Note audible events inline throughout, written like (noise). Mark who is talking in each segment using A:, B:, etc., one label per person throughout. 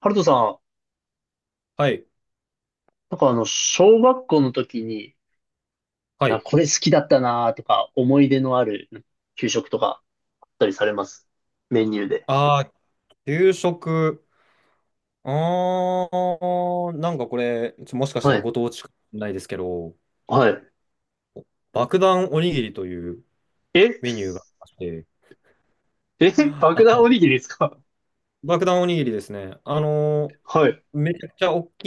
A: ハルトさん、
B: はい。
A: なんか小学校の時に、
B: はい。
A: これ好きだったなとか、思い出のある給食とかあったりされます？メニューで。
B: ああ、給食。ああ、なんかこれ、もしかした
A: は
B: ら
A: い。
B: ご当地かもしれないですけど、
A: はい。
B: 爆弾おにぎりという
A: え、 (laughs)
B: メニューがありまして、
A: え、爆弾
B: あ、
A: おにぎりですか？
B: 爆弾おにぎりですね。
A: はい。
B: めちゃくちゃ大き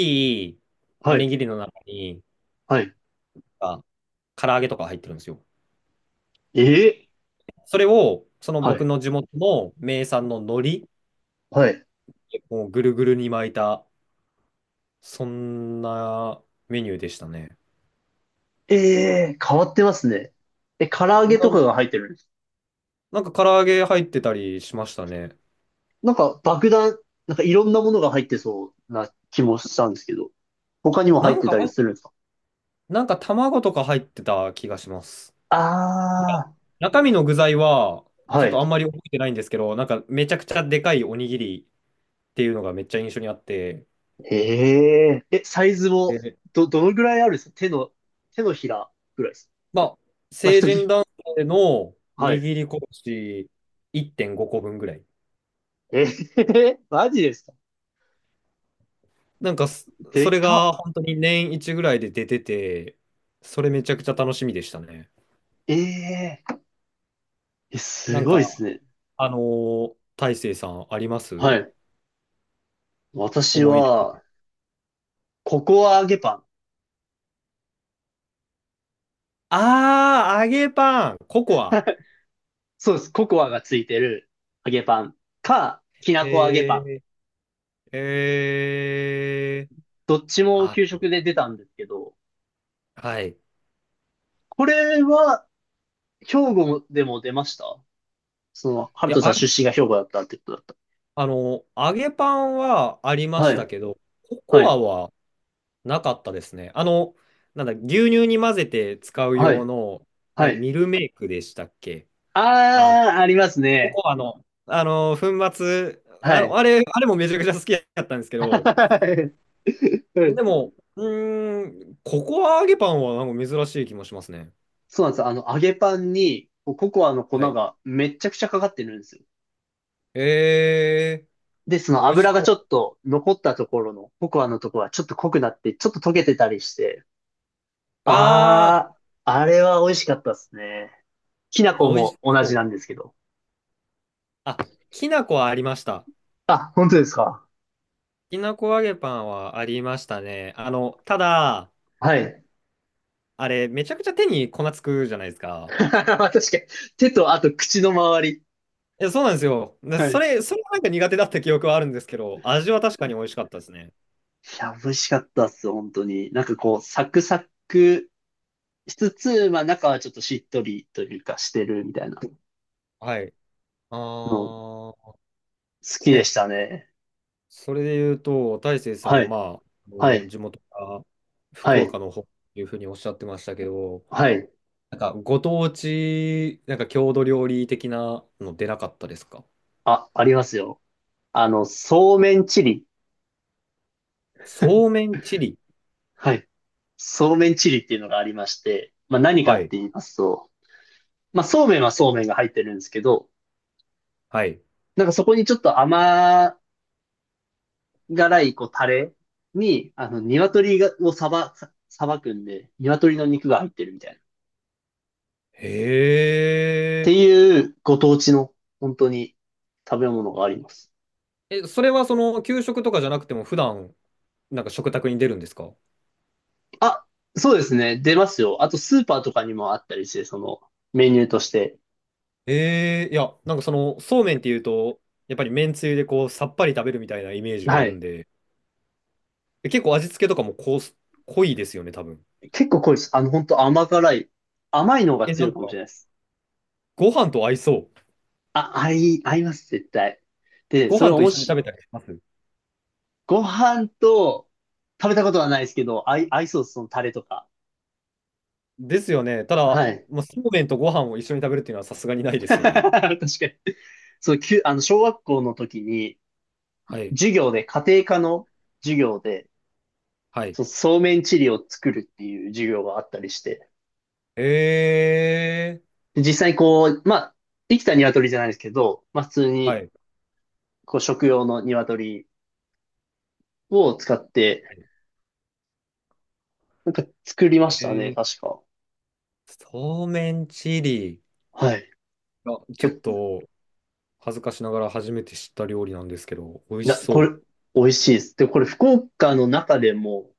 B: いお
A: は
B: に
A: い。
B: ぎりの中に、
A: はい。
B: あ、唐揚げとか入ってるんですよ。
A: え、
B: それを、その
A: は
B: 僕
A: い。
B: の地元の名産の海苔
A: はい。
B: をぐるぐるに巻いた、そんなメニューでしたね。
A: えー、変わってますね。え、唐揚げと
B: な
A: かが入ってるんです？
B: なんか唐揚げ入ってたりしましたね。
A: なんか爆弾、なんかいろんなものが入ってそうな気もしたんですけど、他にも
B: な
A: 入っ
B: ん
A: て
B: か
A: た
B: 入
A: り
B: っ、
A: するんですか？
B: なんか卵とか入ってた気がします。
A: あ
B: 中身の具材は、
A: あー、
B: ち
A: は
B: ょっとあん
A: い。
B: まり覚えてないんですけど、なんかめちゃくちゃでかいおにぎりっていうのがめっちゃ印象にあって、
A: へえ。え、サイズも、
B: で、
A: どのぐらいあるんですか？手のひらぐらいですか？
B: まあ、
A: まあ、
B: 成
A: 人に。
B: 人男性の
A: はい。
B: 握り拳1.5個分ぐらい。
A: えー、(laughs) マジですか？
B: なんかそ、
A: で
B: それ
A: かっ。
B: が本当に年一ぐらいで出てて、それめちゃくちゃ楽しみでしたね。
A: えええ、
B: な
A: す
B: ん
A: ごいです
B: か、
A: ね。
B: 大成さんありま
A: は
B: す？
A: い。私
B: 思い。
A: は、ココア揚げパン。
B: ああ、揚げパン、ココア。
A: (laughs) そうです。ココアがついてる揚げパンか、きなこ揚げパン。
B: えー、えー、
A: どっちも
B: あ、
A: 給食で出たんですけど、
B: はい。い
A: これは、兵庫でも出ました？その、ハル
B: や、
A: トさん
B: あ、
A: 出身が兵庫だったってことだっ
B: あの、揚げパンはあり
A: た。
B: ま
A: は
B: した
A: い。
B: けど、コ
A: は
B: コア
A: い。
B: はなかったですね。あの、なんだ、牛乳に混ぜて使う
A: は
B: 用
A: い。
B: の、
A: はい。
B: ミルメイクでしたっけ？あ、
A: ああ、あります
B: コ
A: ね。
B: コアの、あの、粉末、
A: は
B: あの、
A: い。
B: あれもめちゃくちゃ好きだったんですけど、
A: (laughs) う
B: で
A: ん、
B: も、うーん、ココア揚げパンはなんか珍しい気もしますね。
A: そうなんですよ。揚げパンに、こうココアの粉
B: はい。
A: がめっちゃくちゃかかってるんですよ。
B: ええー、
A: で、その
B: 美味し
A: 油が
B: そ
A: ちょっと残ったところの、ココアのところはちょっと濃くなって、ちょっと溶けてたりして。
B: う。ああ、
A: ああ、あれは美味しかったですね。きな粉
B: 美味し
A: も同
B: そ
A: じな
B: う。
A: んですけど。
B: あ、きな粉はありました。
A: あ、本当ですか？
B: きなこ揚げパンはありましたね。あの、ただ、
A: はい。
B: あれ、めちゃくちゃ手に粉つくじゃないです
A: (laughs)
B: か。
A: 確かに。手とあと口の周り。
B: いや、そうなんですよ。で
A: はい。
B: そ
A: い
B: れ、それはなんか苦手だった記憶はあるんですけど、味は確かに美味しかったですね。
A: や、美味しかったっす、本当に。なんかこう、サクサクしつつ、まあ中はちょっとしっとりというかしてるみたいな
B: はい。あ
A: の好
B: あ、
A: きで
B: え、
A: したね。
B: それで言うと、大成さ
A: は
B: ん、
A: い、
B: まあ、あ
A: は
B: の
A: い、
B: 地元が
A: は
B: 福
A: い、
B: 岡の方っていうふうにおっしゃってましたけど、
A: はい。
B: なんか、ご当地、なんか郷土料理的なの出なかったですか？
A: あ、ありますよ。そうめんチリ。
B: そうめんチリ。
A: はい。そうめんチリっていうのがありまして、まあ何か
B: は
A: っ
B: い。
A: て言いますと、まあそうめんはそうめんが入ってるんですけど、
B: はい。
A: なんかそこにちょっと甘辛いこうタレに、鶏がをさば、ささばくんで、鶏の肉が入ってるみたいな。っ
B: へ
A: て
B: え。
A: いうご当地の本当に食べ物があります。
B: え、それはその、給食とかじゃなくても、普段、なんか食卓に出るんですか？
A: あ、そうですね。出ますよ。あと、スーパーとかにもあったりして、その、メニューとして。
B: ええ、いや、なんかその、そうめんっていうと、やっぱりめんつゆでこう、さっぱり食べるみたいなイメージがあ
A: は
B: るん
A: い。
B: で、え、結構味付けとかもこう、濃いですよね、多分。
A: 結構濃いです。本当甘辛い。甘いのが
B: え、な
A: 強い
B: ん
A: かもし
B: か、
A: れないです。
B: ご飯と合いそ
A: あ、合います、絶対。
B: う。
A: で、
B: ご
A: それ
B: 飯
A: を
B: と
A: も
B: 一緒に食
A: し、
B: べたりします？
A: ご飯と、食べたことはないですけど、合いそうです、そのタレとか。
B: ですよね。ただ、
A: はい。
B: まあ、そうめんとご飯を一緒に食べるっていうのはさすがにない
A: (laughs)
B: です
A: 確
B: よね。
A: かに。そう、きゅ、あの、小学校の時に、
B: はい。
A: 授業で、家庭科の授業で、
B: はい。
A: そうめんチリを作るっていう授業があったりして、
B: え
A: で実際にこう、まあ、生きた鶏じゃないですけど、まあ、普通
B: ー、は
A: に、
B: い。
A: こう、食用の鶏を使って、なんか作りまし
B: え
A: たね、
B: ー、
A: 確か。
B: そうめんチリ。
A: はい。
B: あ、ちょっ
A: 結構、
B: と恥ずかしながら初めて知った料理なんですけど、美味し
A: これ、
B: そ
A: 美味しいです。で、これ、福岡の中でも、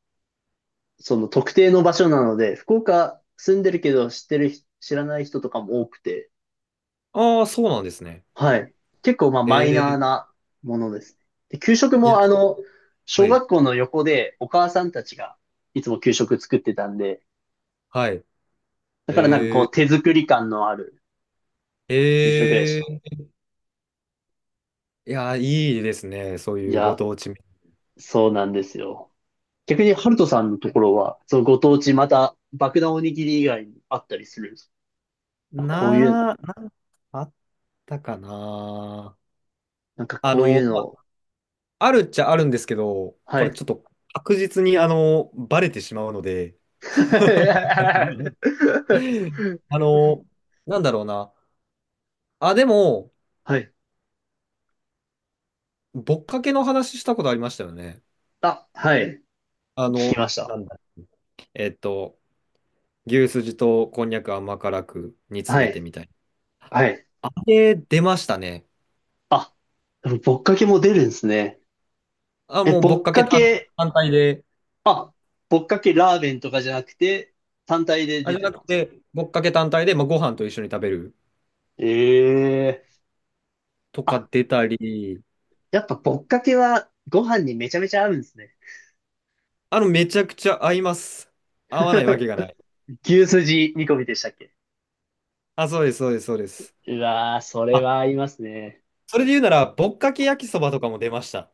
A: その特定の場所なので、福岡住んでるけど知ってる人、知らない人とかも多くて、
B: う。ああ、そうなんですね。
A: はい。結構、まあ、
B: え
A: マイナー
B: ー、
A: なものですね。で、給食
B: いや、
A: も、
B: ちょっと、は
A: 小
B: い。
A: 学校の横でお母さんたちがいつも給食作ってたんで、
B: はい。
A: だからなんかこ
B: え
A: う手作り感のある
B: ー、
A: 給食でし
B: え
A: た。
B: ー、いや、いいですね。そう
A: い
B: いうご
A: や、
B: 当地。
A: そうなんですよ。逆にハルトさんのところは、そのご当地また爆弾おにぎり以外にあったりするんですか？こういう、
B: なんかあったかな。
A: なんか
B: あ
A: こうい
B: の、
A: うの
B: ま、
A: を、
B: あるっちゃあるんですけど、
A: は
B: これ
A: い。
B: ちょっと確実にあの、バレてしまうので、(laughs)
A: (laughs)
B: あの、なんだろうな。あ、でも、
A: はい。
B: ぼっかけの話したことありましたよね。
A: あ、はい。
B: あ
A: 聞き
B: の、
A: ました。
B: なんだ、えっと、牛すじとこんにゃく甘辛く煮詰
A: は
B: めて
A: い。
B: みたい
A: はい。
B: な。あれ、出ましたね。
A: あ、でもぼっかけも出るんですね。
B: あ、
A: え、
B: もうぼっ
A: ぼっ
B: かけ
A: か
B: 単、
A: け、
B: 単体で、
A: あ、ぼっかけラーメンとかじゃなくて、単体で
B: あ、
A: 出
B: じゃ
A: て
B: な
A: た
B: く
A: んですか？
B: て、ぼっかけ単体で、まあ、ご飯と一緒に食べる
A: ええー、
B: と
A: あ、
B: か出たり、
A: やっぱぼっかけはご飯にめちゃめちゃ合うんですね。
B: あの、めちゃくちゃ合います。合わないわけがない。
A: (laughs) 牛すじ煮込みでしたっけ？
B: あ、そうです、そうです、そうです。
A: うわー、それ
B: あ、
A: は合いますね。
B: それで言うなら、ぼっかけ焼きそばとかも出ました。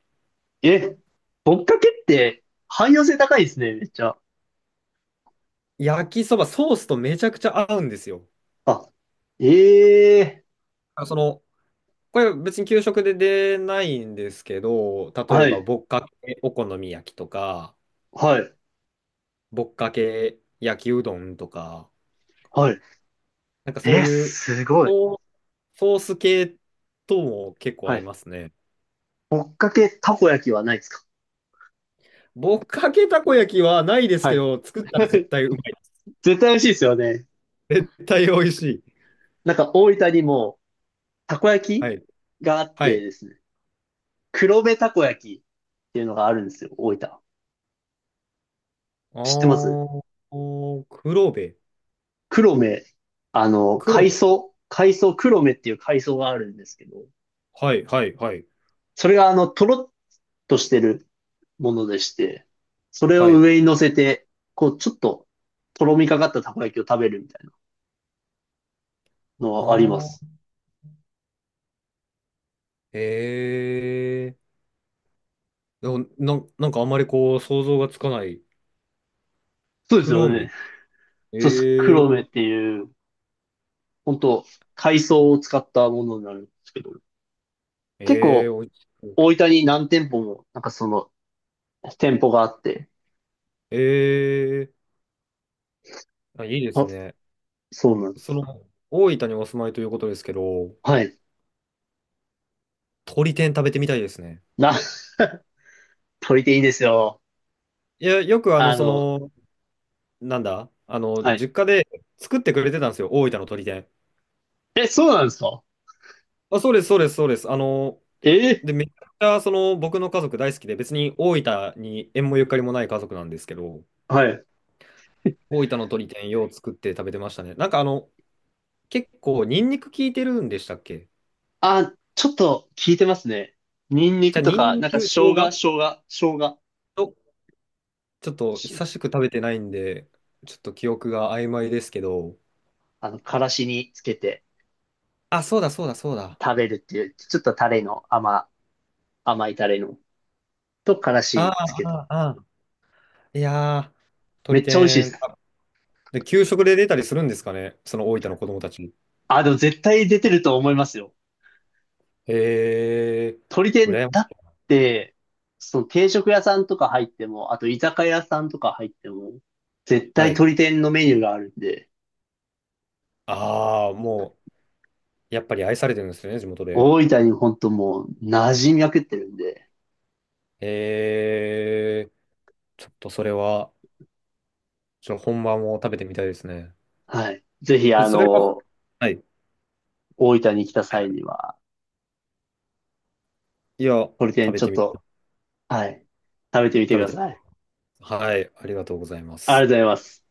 A: え、ぼっかけって汎用性高いですね、めっちゃ。
B: 焼きそば、ソースとめちゃくちゃ合うんですよ。
A: あ、ええ
B: あ、その、これ別に給食で出ないんですけど、
A: ー、
B: 例え
A: は
B: ば、
A: い、
B: ぼっかけお好み焼きとか、
A: はい、
B: ぼっかけ焼きうどんとか、
A: はい。
B: なんかそう
A: え、
B: いう、
A: すごい。
B: ソーソース系とも結構
A: は
B: 合い
A: い。
B: ますね。
A: ぼっかけたこ焼きはないですか？
B: ぼっかけたこ焼きはないです
A: は
B: け
A: い。
B: ど、作った
A: (laughs)
B: ら絶対うまいです。
A: 絶対美味しいですよね。
B: 絶対美味しい。
A: なんか大分にもたこ焼
B: は
A: き
B: い。
A: があっ
B: は
A: て
B: い。
A: ですね、黒部たこ焼きっていうのがあるんですよ、大分。
B: あ
A: 知ってます？
B: ー、おー黒部。
A: 黒目、
B: 黒部。
A: 海藻、黒目っていう海藻があるんですけど、
B: はい、はい、はい、
A: それがとろっとしてるものでして、それを
B: はい。
A: 上に乗せて、こう、ちょっと、とろみかかったたこ焼きを食べるみたいなの
B: あ
A: はありま
B: あ、
A: す。
B: ええー、でもなん、なんかあんまりこう、想像がつかない。
A: そうですよ
B: 黒
A: ね。
B: 目。
A: そうです。
B: ええ
A: 黒目っ
B: ー。
A: ていう、本当海藻を使ったものになるんですけど、結
B: ええー、
A: 構、
B: お味しそう。
A: 大分に何店舗も、なんかその、店舗があって、
B: ええー、あ、いいです
A: あ、
B: ね。
A: そうなんで
B: そ
A: す。
B: の、大分にお住まいということですけど、
A: はい。
B: 鳥天食べてみたいですね。
A: な、(laughs) とりていいですよ。
B: いや、よくあの、
A: あ
B: そ
A: の、
B: の、なんだ、あの、
A: はい。
B: 実家で作ってくれてたんですよ、大分の鳥天。
A: え、そうなんですか？
B: あ、そうです、そうです、そうです。あの、
A: え
B: で、めちゃくちゃ、その、僕の家族大好きで、別に大分に縁もゆかりもない家族なんですけど、
A: ー、はい。
B: 大分の鶏天よう作って食べてましたね。なんかあの、結構ニンニク効いてるんでしたっけ？
A: あ、ちょっと効いてますね。ニンニ
B: じ
A: ク
B: ゃあ
A: と
B: ニン
A: か、な
B: ニ
A: んか
B: ク、生姜
A: 生姜、
B: と、ちょっと
A: し
B: 久しく食べてないんで、ちょっと記憶が曖昧ですけど。
A: からしにつけて
B: あ、そうだそうだそうだ。
A: 食べるっていう、ちょっとタレの甘いタレの、とから
B: ああ、
A: しつけて。
B: ああ、ああ。いやー、
A: め
B: 鶏
A: っちゃ美味しいで
B: 天。
A: す。
B: あ、で、給食で出たりするんですかね、その大分の子供たち。
A: あ、でも絶対出てると思いますよ。
B: へえ、
A: 鳥天、
B: 羨ま
A: だ
B: し
A: っ
B: い。
A: て、その定食屋さんとか入っても、あと居酒屋さんとか入っても、絶
B: は
A: 対
B: い。
A: 鳥天のメニューがあるんで、
B: ああ、もう、やっぱり愛されてるんですよね、地元で。
A: 大分にほんともう馴染みまくってるんで、
B: へえ、ちょっとそれは。ちょっと本番も食べてみたいですね。
A: はい。ぜひ、
B: え、それは、はい。
A: 大分に来た
B: はいは
A: 際
B: い、
A: には、
B: いや、
A: ホリテ
B: 食
A: ン
B: べ
A: ちょ
B: て
A: っ
B: みた
A: と、
B: い。
A: はい、食べてみて
B: 食
A: く
B: べ
A: だ
B: て
A: さい。
B: みたい。はい。ありがとうございま
A: あり
B: す。
A: がとうございます。